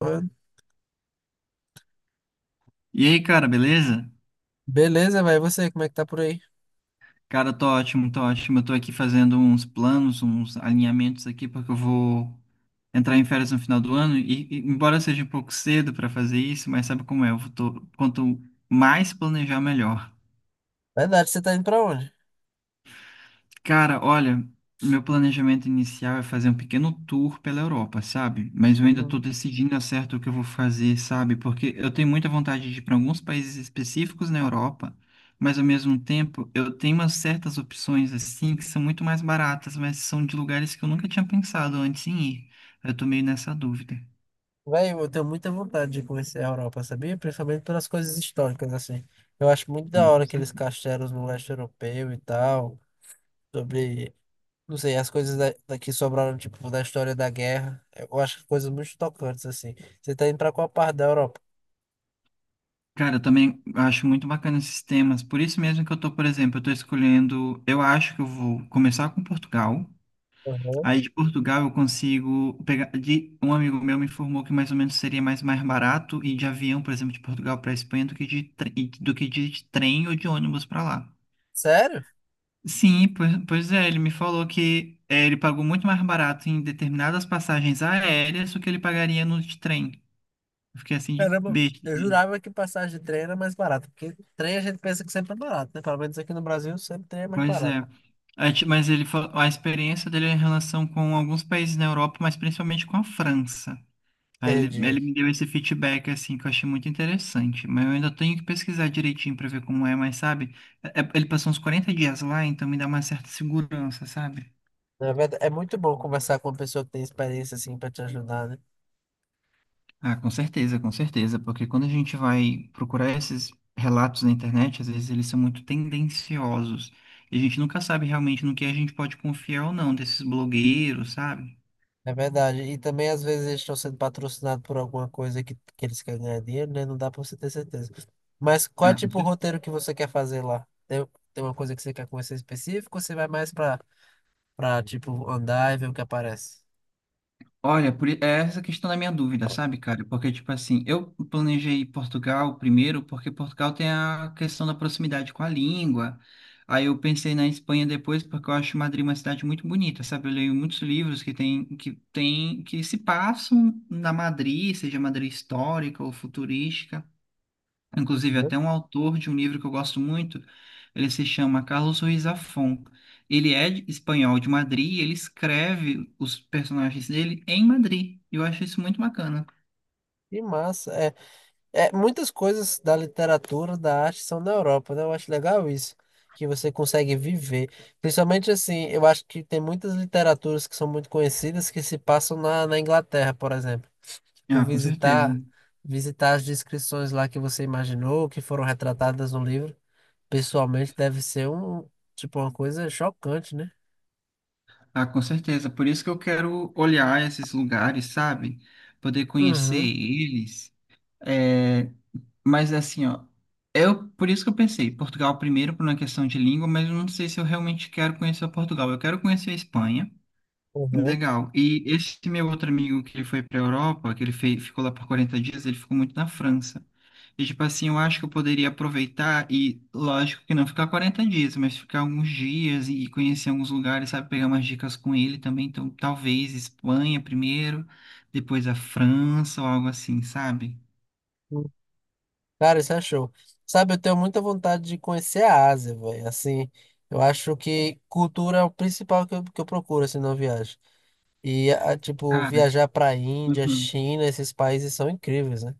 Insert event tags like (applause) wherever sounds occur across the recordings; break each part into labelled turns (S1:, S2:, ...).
S1: Mano.
S2: E aí, cara, beleza?
S1: Beleza, vai. E você, como é que tá por aí?
S2: Cara, eu tô ótimo, tô ótimo. Eu tô aqui fazendo uns planos, uns alinhamentos aqui, porque eu vou entrar em férias no final do ano. E embora seja um pouco cedo pra fazer isso, mas sabe como é? Eu tô, quanto mais planejar, melhor.
S1: Verdade, você tá indo pra onde?
S2: Cara, olha, meu planejamento inicial é fazer um pequeno tour pela Europa, sabe? Mas eu ainda tô
S1: Uhum.
S2: decidindo ao certo o que eu vou fazer, sabe? Porque eu tenho muita vontade de ir para alguns países específicos na Europa, mas ao mesmo tempo eu tenho umas certas opções assim que são muito mais baratas, mas são de lugares que eu nunca tinha pensado antes em ir. Eu tô meio nessa dúvida.
S1: Véi, eu tenho muita vontade de conhecer a Europa, sabia? Principalmente pelas coisas históricas, assim. Eu acho muito da
S2: Sim,
S1: hora
S2: com
S1: aqueles
S2: certeza.
S1: castelos no leste europeu e tal, sobre. Não sei, as coisas daqui sobraram, tipo, da história da guerra. Eu acho coisas muito tocantes, assim. Você tá indo pra qual parte da Europa?
S2: Cara, eu também acho muito bacana esses temas. Por isso mesmo que eu tô, por exemplo, eu tô escolhendo, eu acho que eu vou começar com Portugal.
S1: Aham.
S2: Aí de Portugal eu consigo pegar. Um amigo meu me informou que mais ou menos seria mais barato ir de avião, por exemplo, de Portugal para Espanha do que do que de trem ou de ônibus para lá.
S1: Sério?
S2: Sim, pois é, ele me falou que é, ele pagou muito mais barato em determinadas passagens aéreas do que ele pagaria no de trem. Eu fiquei assim de
S1: Caramba,
S2: besta.
S1: eu
S2: também.
S1: jurava que passagem de trem era mais barata, porque trem a gente pensa que sempre é barato, né? Pelo menos aqui no Brasil, sempre trem é mais
S2: Pois
S1: barato.
S2: é. Aí, mas ele falou, a experiência dele é em relação com alguns países na Europa, mas principalmente com a França. Aí ele
S1: Entendi.
S2: me deu esse feedback assim que eu achei muito interessante, mas eu ainda tenho que pesquisar direitinho pra ver como é, mas sabe, ele passou uns 40 dias lá, então me dá uma certa segurança, sabe?
S1: Na verdade, é muito bom conversar com uma pessoa que tem experiência, assim, pra te ajudar, né?
S2: Ah, com certeza, porque quando a gente vai procurar esses relatos na internet, às vezes eles são muito tendenciosos, e a gente nunca sabe realmente no que a gente pode confiar ou não desses blogueiros, sabe?
S1: É verdade. E também, às vezes, eles estão sendo patrocinados por alguma coisa que eles querem ganhar dinheiro, né? Não dá pra você ter certeza. Mas qual é,
S2: Ah, com
S1: tipo, o
S2: certeza.
S1: roteiro que você quer fazer lá? Tem, tem uma coisa que você quer conhecer específico ou você vai mais pra tipo, andar e ver o que aparece?
S2: Olha, é essa questão da minha dúvida, sabe, cara? Porque, tipo assim, eu planejei Portugal primeiro, porque Portugal tem a questão da proximidade com a língua. Aí eu pensei na Espanha depois, porque eu acho Madrid uma cidade muito bonita, sabe? Eu leio muitos livros que se passam na Madrid, seja Madrid histórica ou futurística. Inclusive,
S1: Uhum.
S2: até um autor de um livro que eu gosto muito, ele se chama Carlos Ruiz Zafón. Ele é espanhol de Madrid e ele escreve os personagens dele em Madrid. Eu acho isso muito bacana.
S1: Que massa. É, muitas coisas da literatura, da arte são na Europa, né? Eu acho legal isso, que você consegue viver. Principalmente assim, eu acho que tem muitas literaturas que são muito conhecidas que se passam na Inglaterra, por exemplo. Tipo,
S2: Ah, com certeza.
S1: visitar as descrições lá que você imaginou, que foram retratadas no livro, pessoalmente deve ser um, tipo, uma coisa chocante, né?
S2: Ah, com certeza. Por isso que eu quero olhar esses lugares, sabe? Poder conhecer
S1: Uhum.
S2: eles. É, mas assim, ó, eu por isso que eu pensei, Portugal primeiro por uma questão de língua, mas eu não sei se eu realmente quero conhecer Portugal. Eu quero conhecer a Espanha.
S1: Uhum.
S2: Legal. E esse meu outro amigo que ele foi para a Europa, que ele ficou lá por 40 dias, ele ficou muito na França. E, tipo assim, eu acho que eu poderia aproveitar e, lógico que não ficar 40 dias, mas ficar alguns dias e conhecer alguns lugares, sabe? Pegar umas dicas com ele também. Então, talvez Espanha primeiro, depois a França ou algo assim, sabe?
S1: Cara, isso é show. Sabe, eu tenho muita vontade de conhecer a Ásia, velho. Assim, eu acho que cultura é o principal que eu procuro, assim, na viagem. E, tipo,
S2: Cara,
S1: viajar pra Índia, China, esses países são incríveis, né?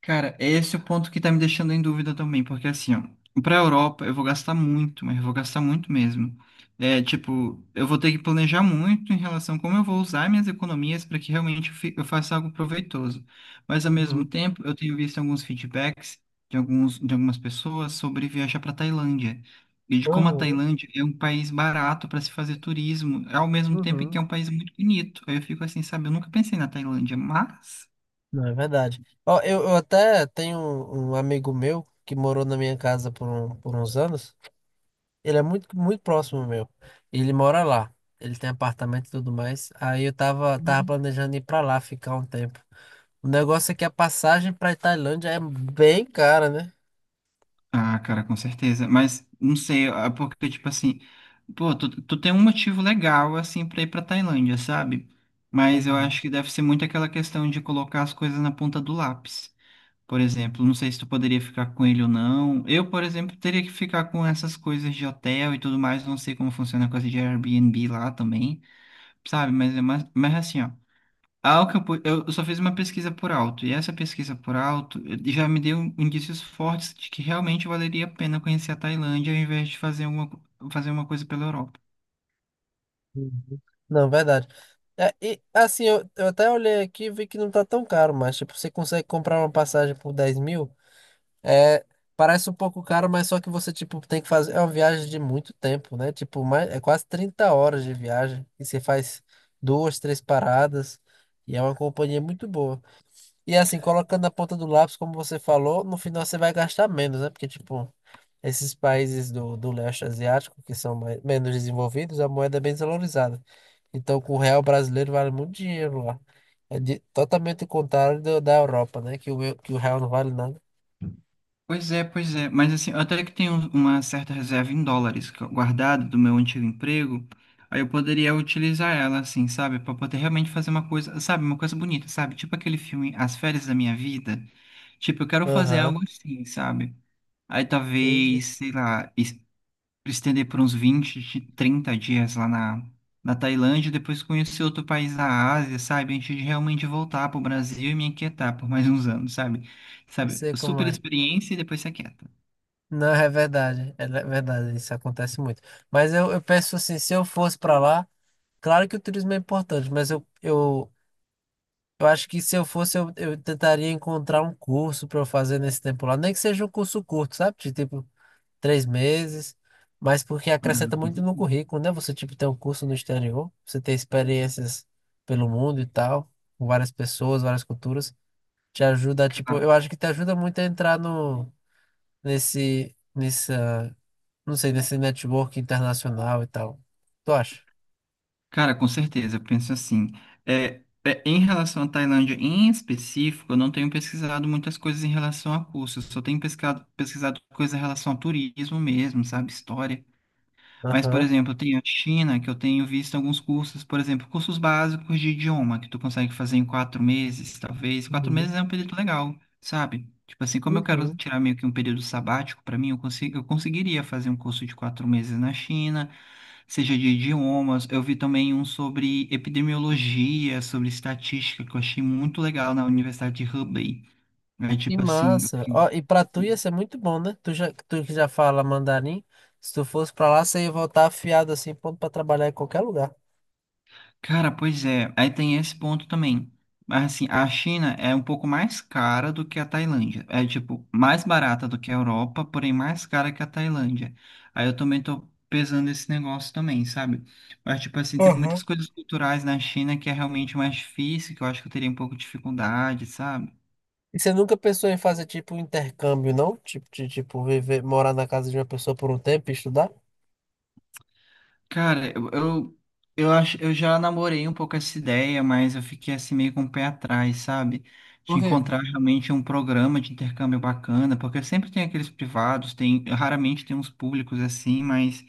S2: Cara, esse é o ponto que tá me deixando em dúvida também, porque assim, ó, pra Europa eu vou gastar muito, mas eu vou gastar muito mesmo. É, tipo, eu vou ter que planejar muito em relação a como eu vou usar minhas economias para que realmente eu faça algo proveitoso. Mas ao mesmo
S1: Uhum,
S2: tempo, eu tenho visto alguns feedbacks de alguns, de algumas pessoas sobre viajar para Tailândia. E de como a
S1: uhum,
S2: Tailândia é um país barato para se fazer turismo, ao mesmo tempo em que é
S1: uhum.
S2: um país muito bonito. Aí eu fico assim, sabe? Eu nunca pensei na Tailândia, mas.
S1: Não, é verdade. Ó, eu até tenho um amigo meu que morou na minha casa por, por uns anos. Ele é muito próximo meu. Ele mora lá. Ele tem apartamento e tudo mais. Aí eu tava planejando ir pra lá ficar um tempo. O negócio é que a passagem pra Tailândia é bem cara, né?
S2: Ah, cara, com certeza. Mas não sei, ah, porque, tipo assim, pô, tu tem um motivo legal, assim, pra ir pra Tailândia, sabe? Mas eu
S1: Uhum,
S2: acho que deve ser muito aquela questão de colocar as coisas na ponta do lápis. Por exemplo, não sei se tu poderia ficar com ele ou não. Eu, por exemplo, teria que ficar com essas coisas de hotel e tudo mais. Não sei como funciona a coisa de Airbnb lá também, sabe? Mas é mais, mas assim, ó. Algo que eu só fiz uma pesquisa por alto, e essa pesquisa por alto já me deu indícios fortes de que realmente valeria a pena conhecer a Tailândia ao invés de fazer fazer uma coisa pela Europa.
S1: uhum. Não, verdade. É, e assim, eu até olhei aqui e vi que não tá tão caro, mas tipo, você consegue comprar uma passagem por 10 mil? É, parece um pouco caro, mas só que você tipo, tem que fazer. É uma viagem de muito tempo, né? Tipo, mais, é quase 30 horas de viagem. E você faz duas, três paradas. E é uma companhia muito boa. E assim, colocando na ponta do lápis, como você falou, no final você vai gastar menos, né? Porque, tipo. Esses países do leste asiático, que são menos desenvolvidos, a moeda é bem desvalorizada. Então, com o real brasileiro vale muito dinheiro lá. Totalmente o contrário da Europa, né? Que o real não vale nada.
S2: Pois é, mas assim, eu até que tenho uma certa reserva em dólares guardada do meu antigo emprego, aí eu poderia utilizar ela, assim, sabe, para poder realmente fazer uma coisa, sabe, uma coisa bonita, sabe, tipo aquele filme As Férias da Minha Vida, tipo, eu quero fazer
S1: Aham,
S2: algo assim, sabe? Aí talvez,
S1: entendi.
S2: sei lá, pra estender por uns 20, 30 dias lá na, na Tailândia, depois conhecer outro país da Ásia, sabe? Antes de realmente voltar pro Brasil e me aquietar por mais uns anos, sabe?
S1: Eu
S2: Sabe?
S1: sei como
S2: Super
S1: é.
S2: experiência e depois se aquieta.
S1: Não, é verdade, verdade, isso acontece muito. Mas eu penso assim, se eu fosse para lá, claro que o turismo é importante, mas eu acho que se eu fosse, eu tentaria encontrar um curso para eu fazer nesse tempo lá, nem que seja um curso curto, sabe? De tipo, 3 meses, mas porque acrescenta muito
S2: Uhum.
S1: no currículo, né? Você, tipo, ter um curso no exterior, você ter experiências pelo mundo e tal, com várias pessoas, várias culturas, te ajuda, tipo,
S2: Cara,
S1: eu acho que te ajuda muito a entrar nesse, nessa, não sei, nesse network internacional e tal. Tu acha?
S2: cara, com certeza, eu penso assim. É, em relação à Tailândia em específico, eu não tenho pesquisado muitas coisas em relação a cursos, só tenho pesquisado coisas em relação a turismo mesmo, sabe? História. Mas, por
S1: Aham.
S2: exemplo, tem a China, que eu tenho visto alguns cursos, por exemplo, cursos básicos de idioma, que tu consegue fazer em 4 meses, talvez. 4
S1: Uhum.
S2: meses é um período legal, sabe? Tipo assim, como eu quero
S1: Uhum.
S2: tirar meio que um período sabático, para mim, eu consigo, eu conseguiria fazer um curso de 4 meses na China, seja de idiomas. Eu vi também um sobre epidemiologia, sobre estatística, que eu achei muito legal na Universidade de Hubei. É
S1: Que
S2: tipo assim, eu
S1: massa.
S2: fiquei.
S1: Ó, e pra tu ia ser muito bom, né? Tu que já fala mandarim, se tu fosse pra lá, você ia voltar afiado assim, pronto pra trabalhar em qualquer lugar.
S2: Cara, pois é, aí tem esse ponto também. Mas assim, a China é um pouco mais cara do que a Tailândia. É tipo, mais barata do que a Europa, porém mais cara que a Tailândia. Aí eu também tô pesando esse negócio também, sabe? Mas tipo assim, tem muitas
S1: Aham.
S2: coisas culturais na China que é realmente mais difícil, que eu acho que eu teria um pouco de dificuldade, sabe?
S1: E você nunca pensou em fazer tipo um intercâmbio, não? Tipo, tipo, viver, morar na casa de uma pessoa por um tempo e estudar?
S2: Cara, eu acho, eu já namorei um pouco essa ideia, mas eu fiquei assim meio com o pé atrás, sabe?
S1: Por
S2: De
S1: quê?
S2: encontrar realmente um programa de intercâmbio bacana, porque sempre tem aqueles privados, tem, raramente tem uns públicos assim, mas,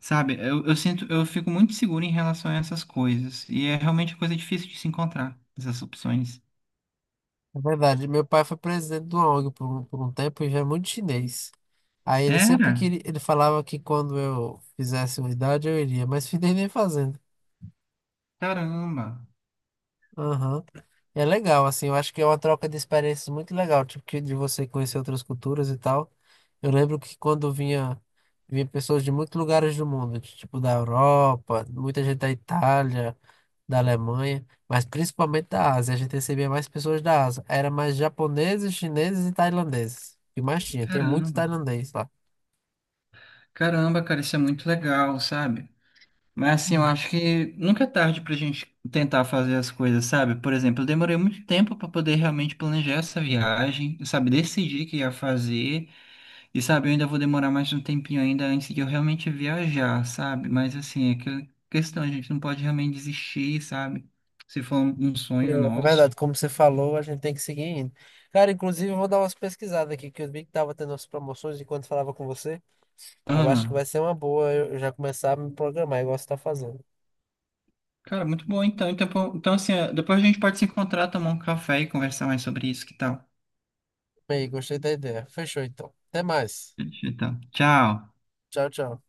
S2: sabe, eu sinto, eu fico muito seguro em relação a essas coisas. E é realmente coisa difícil de se encontrar, essas opções.
S1: É verdade, meu pai foi presidente de uma ONG por um tempo e já é muito chinês. Aí ele sempre
S2: Era?
S1: queria, ele falava que quando eu fizesse uma idade eu iria, mas (laughs) fiquei nem fazendo.
S2: Caramba,
S1: Aham. É legal, assim, eu acho que é uma troca de experiências muito legal, tipo, que de você conhecer outras culturas e tal. Eu lembro que vinha pessoas de muitos lugares do mundo, de, tipo da Europa, muita gente da Itália, da Alemanha, mas principalmente da Ásia. A gente recebia mais pessoas da Ásia. Era mais japoneses, chineses e tailandeses. O que mais tinha? Tinha muito
S2: caramba,
S1: tailandês lá.
S2: caramba, cara, isso é muito legal, sabe? Mas assim, eu
S1: Hum.
S2: acho que nunca é tarde pra gente tentar fazer as coisas, sabe? Por exemplo, eu demorei muito tempo pra poder realmente planejar essa viagem, sabe? Decidir que ia fazer, e sabe, eu ainda vou demorar mais um tempinho ainda antes de eu realmente viajar, sabe? Mas assim, é que questão, a gente não pode realmente desistir, sabe? Se for um sonho
S1: Não, é
S2: nosso.
S1: verdade, como você falou, a gente tem que seguir indo. Cara, inclusive, eu vou dar umas pesquisadas aqui, que eu vi que tava tendo as promoções enquanto falava com você. Eu acho que
S2: Ah,
S1: vai ser uma boa eu já começar a me programar igual você está fazendo.
S2: cara, muito bom então. Então, pô, então assim, é, depois a gente pode se encontrar, tomar um café e conversar mais sobre isso, que tal?
S1: Bem, gostei da ideia. Fechou então. Até mais.
S2: Então, tchau.
S1: Tchau, tchau.